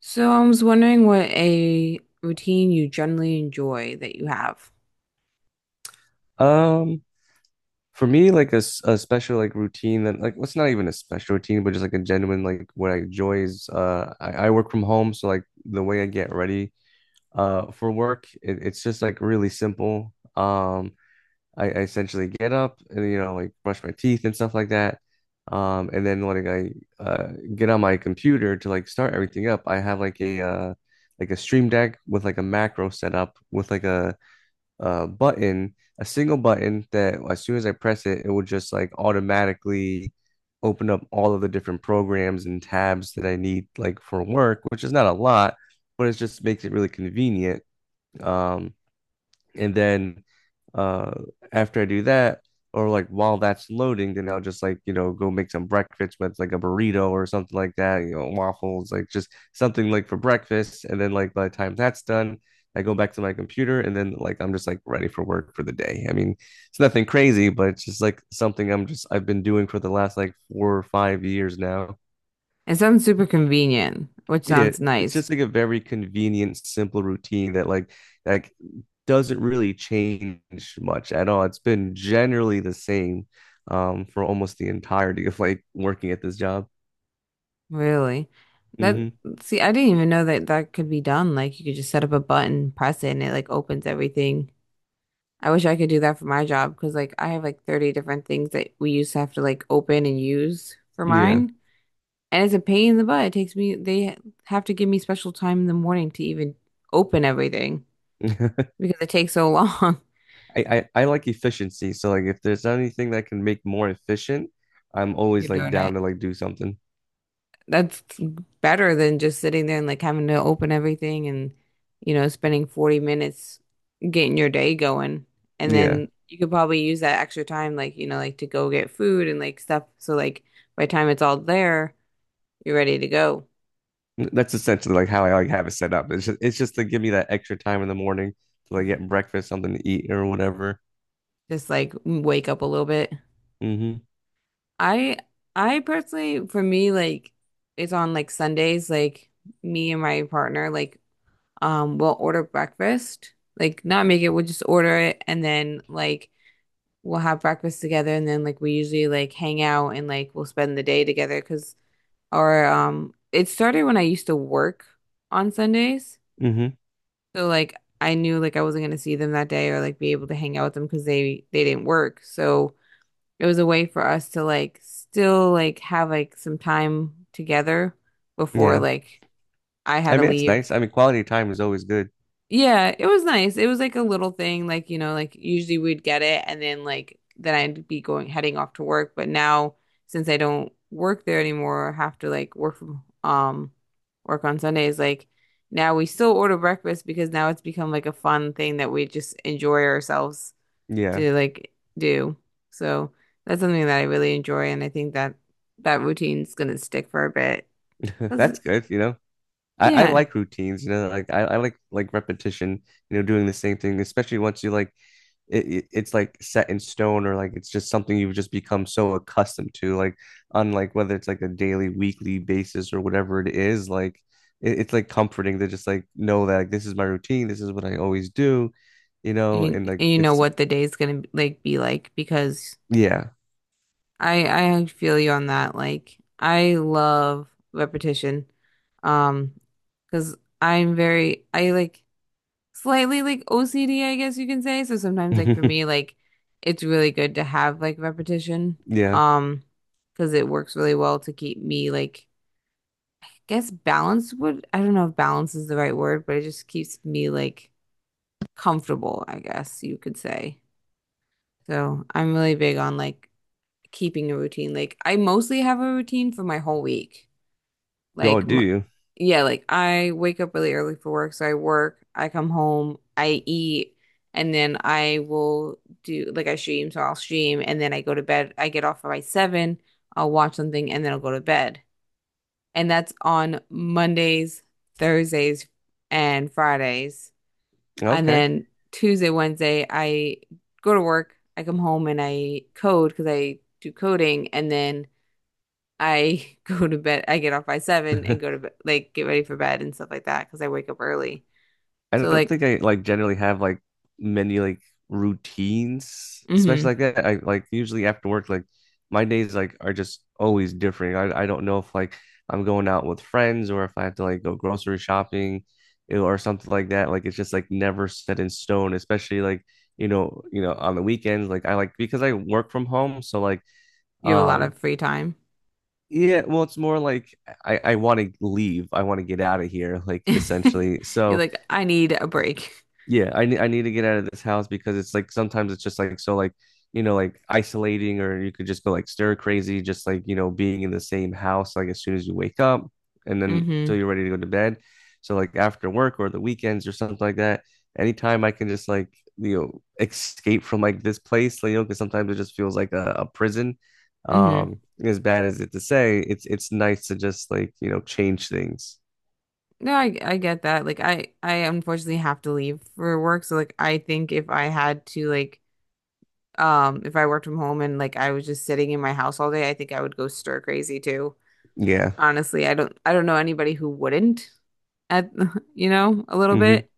So I was wondering what a routine you generally enjoy that you have. Um, for me, a special routine that what's not even a special routine, but just a genuine what I enjoy is I work from home, so like the way I get ready for work, it's just like really simple. I essentially get up and you know like brush my teeth and stuff like that. And then when I get on my computer to like start everything up, I have like a Stream Deck with like a macro set up with like a button, a single button that as soon as I press it, it will just like automatically open up all of the different programs and tabs that I need like for work, which is not a lot, but it just makes it really convenient. Um, and then uh After I do that, or like while that's loading, then I'll just like, you know, go make some breakfast with like a burrito or something like that, you know, waffles, like just something like for breakfast. And then like by the time that's done, I go back to my computer and then like I'm just like ready for work for the day. I mean, it's nothing crazy, but it's just like something I've been doing for the last like 4 or 5 years now. It sounds super convenient, which Yeah, sounds it's nice, just like a very convenient, simple routine that like doesn't really change much at all. It's been generally the same for almost the entirety of like working at this job. really. That Hmm. see, I didn't even know that that could be done. Like you could just set up a button, press it, and it like opens everything. I wish I could do that for my job because like I have like 30 different things that we used to have to like open and use for Yeah. mine. And it's a pain in the butt. It takes me, they have to give me special time in the morning to even open everything because it takes so long. I like efficiency. So like if there's anything that can make more efficient, I'm always You're like doing it. down to like do something. That's better than just sitting there and like having to open everything and you know spending 40 minutes getting your day going, and Yeah. then you could probably use that extra time like you know like to go get food and like stuff, so like by the time it's all there, you're ready to go. That's essentially like how I like have it set up. It's just to give me that extra time in the morning to like get breakfast, something to eat or whatever. Just like wake up a little bit. Hmm. I I personally for me, like it's on like Sundays, like me and my partner, like we'll order breakfast, like not make it, we'll just order it, and then like we'll have breakfast together, and then like we usually like hang out and like we'll spend the day together because our it started when I used to work on Sundays. Hmm. So like I knew like I wasn't gonna see them that day or like be able to hang out with them because they didn't work. So it was a way for us to like still like have like some time together before Yeah. like I had I to mean, it's leave. nice. I mean, quality time is always good. Yeah, it was nice. It was like a little thing, like, you know, like usually we'd get it and then like then I'd be going heading off to work. But now since I don't work there anymore, I have to like work from work on Sundays, like now we still order breakfast because now it's become like a fun thing that we just enjoy ourselves Yeah. to like do. So that's something that I really enjoy, and I think that that routine's gonna stick for a bit. 'Cause, That's good, you know. I yeah. like routines, you know, like I like repetition, you know, doing the same thing, especially once you like it's like set in stone or like it's just something you've just become so accustomed to, like on like whether it's like a daily, weekly basis or whatever it is, like it's like comforting to just like know that like, this is my routine, this is what I always do, you know, and like And you know it's what the day's gonna like be like because yeah. I feel you on that. Like I love repetition. Um, because I'm very I like slightly like OCD, I guess you can say. So sometimes like for me, like it's really good to have like repetition. Yeah. Um, because it works really well to keep me like I guess balance would I don't know if balance is the right word, but it just keeps me like comfortable, I guess you could say. So I'm really big on like keeping a routine. Like I mostly have a routine for my whole week. Oh, Like do m you? yeah, like I wake up really early for work, so I work, I come home, I eat, and then I will do like I stream, so I'll stream and then I go to bed. I get off by 7, I'll watch something and then I'll go to bed. And that's on Mondays, Thursdays, and Fridays. And Okay. then Tuesday, Wednesday, I go to work, I come home and I code because I do coding, and then I go to bed, I get off by seven and go to bed, like get ready for bed and stuff like that because I wake up early. I So don't like, think I like generally have like many like routines, mm-hmm, especially like that. I like usually after work, like my days like are just always different. I don't know if like I'm going out with friends or if I have to like go grocery shopping, you know, or something like that. Like it's just like never set in stone, especially like you know, on the weekends. Like I like because I work from home, so like you have a lot um of free time. yeah, well it's more like I want to leave. I want to get out of here, like essentially. You're So like, I need a break. yeah, I need to get out of this house because it's like sometimes it's just like so like you know like isolating or you could just go like stir crazy just like you know being in the same house like as soon as you wake up and then till Mm-hmm. you're ready to go to bed. So like after work or the weekends or something like that, anytime I can just like you know escape from like this place, like, you know, because sometimes it just feels like a prison. Mm-hmm. As bad as it to say, it's nice to just like you know change things. No, I get that. Like I unfortunately have to leave for work. So like I think if I had to like if I worked from home and like I was just sitting in my house all day, I think I would go stir crazy too. Yeah. Honestly, I don't know anybody who wouldn't at you know, a little Hmm. bit.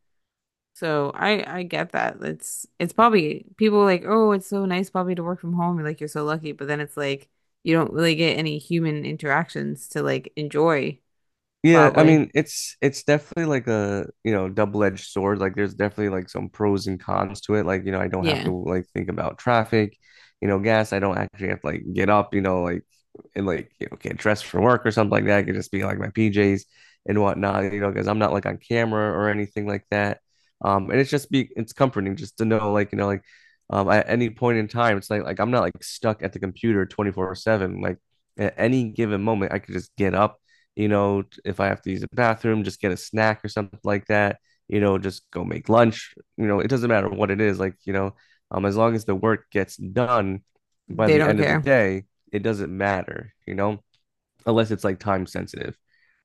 So I get that. It's probably people are like, "Oh, it's so nice probably to work from home." You're like, "You're so lucky." But then it's like you don't really get any human interactions to like enjoy Yeah, I probably. mean it's definitely like a you know double-edged sword. Like there's definitely like some pros and cons to it. Like you know I don't have to Yeah. like think about traffic, you know gas. I don't actually have to like get up, you know like and like you know get dressed for work or something like that. I could just be like my PJs and whatnot, you know, because I'm not like on camera or anything like that. And it's comforting just to know like you know like at any point in time it's like I'm not like stuck at the computer 24/7. Like at any given moment I could just get up, you know, if I have to use the bathroom, just get a snack or something like that, you know, just go make lunch, you know, it doesn't matter what it is, like, you know, as long as the work gets done by They the don't end of the care. day, it doesn't matter, you know, unless it's like time sensitive,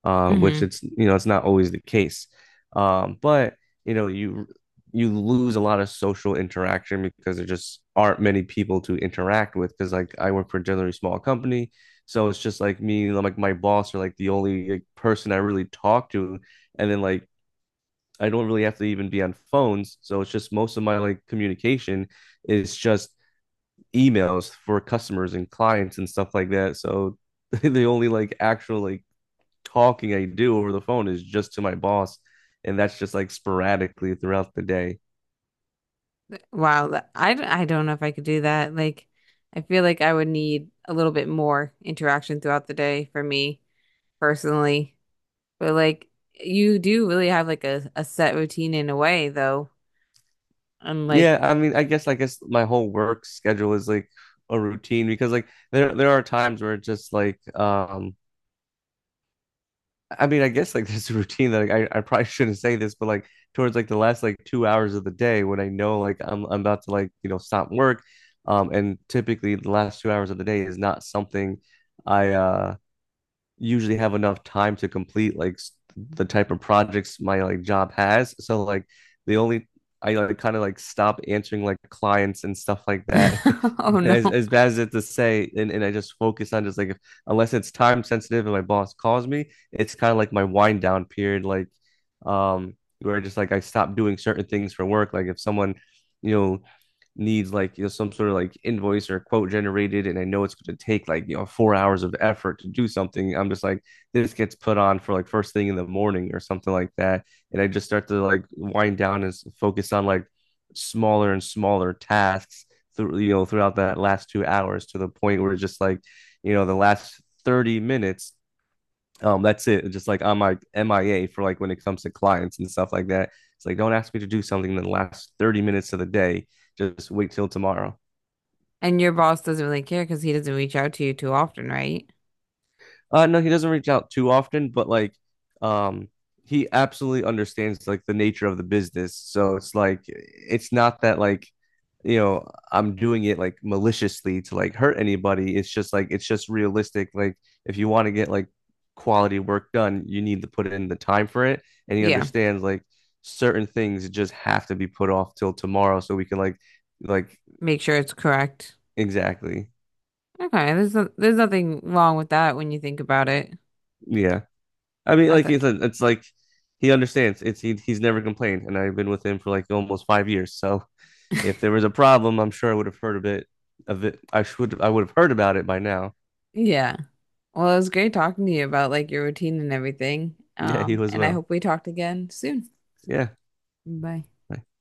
which Hmm. it's you know it's not always the case. But you know you lose a lot of social interaction because there just aren't many people to interact with. Because like I work for a generally small company, so it's just like me, like my boss, are like the only like, person I really talk to, and then like I don't really have to even be on phones. So it's just most of my like communication is just emails for customers and clients and stuff like that. So the only like actual like talking I do over the phone is just to my boss, and that's just like sporadically throughout the day. Wow, that- I d- I don't know if I could do that. Like I feel like I would need a little bit more interaction throughout the day for me personally. But like you do really have like a set routine in a way though. I'm Yeah, like I mean, I guess my whole work schedule is like a routine because like there are times where it's just like I mean I guess like there's a routine that like, I probably shouldn't say this but like towards like the last 2 hours of the day when I know like I'm about to like you know stop work, and typically the last 2 hours of the day is not something I usually have enough time to complete like the type of projects my like job has. So like the only I like kind of like stop answering like clients and stuff like that. oh As no. as bad as it to say, and I just focus on just like if, unless it's time sensitive and my boss calls me, it's kind of like my wind down period, like um where just like I stop doing certain things for work. Like if someone, you know, needs like you know some sort of like invoice or quote generated and I know it's going to take like you know 4 hours of effort to do something, I'm just like this gets put on for like first thing in the morning or something like that and I just start to like wind down and focus on like smaller and smaller tasks through you know throughout that last 2 hours to the point where it's just like you know the last 30 minutes. That's it. Just like I'm like MIA for like when it comes to clients and stuff like that. It's like don't ask me to do something in the last 30 minutes of the day. Just wait till tomorrow. And your boss doesn't really care because he doesn't reach out to you too often, right? No, he doesn't reach out too often, but like, um, he absolutely understands like the nature of the business. So it's like, it's not that like, you know, I'm doing it like maliciously to like hurt anybody. It's just like, it's just realistic. Like, if you want to get like quality work done, you need to put in the time for it. And he Yeah, understands like certain things just have to be put off till tomorrow so we can like, make sure it's correct. exactly. Okay, there's no, there's nothing wrong with that when you think about it. Yeah. I mean, I like thought, he said, it's like he understands. It's he's never complained, and I've been with him for like almost 5 years. So if there was a problem, I'm sure I would have heard a bit of it. I would have heard about it by now. yeah. Well, it was great talking to you about like your routine and everything. Yeah, he was And I well. hope we talked again soon. Yeah, Bye.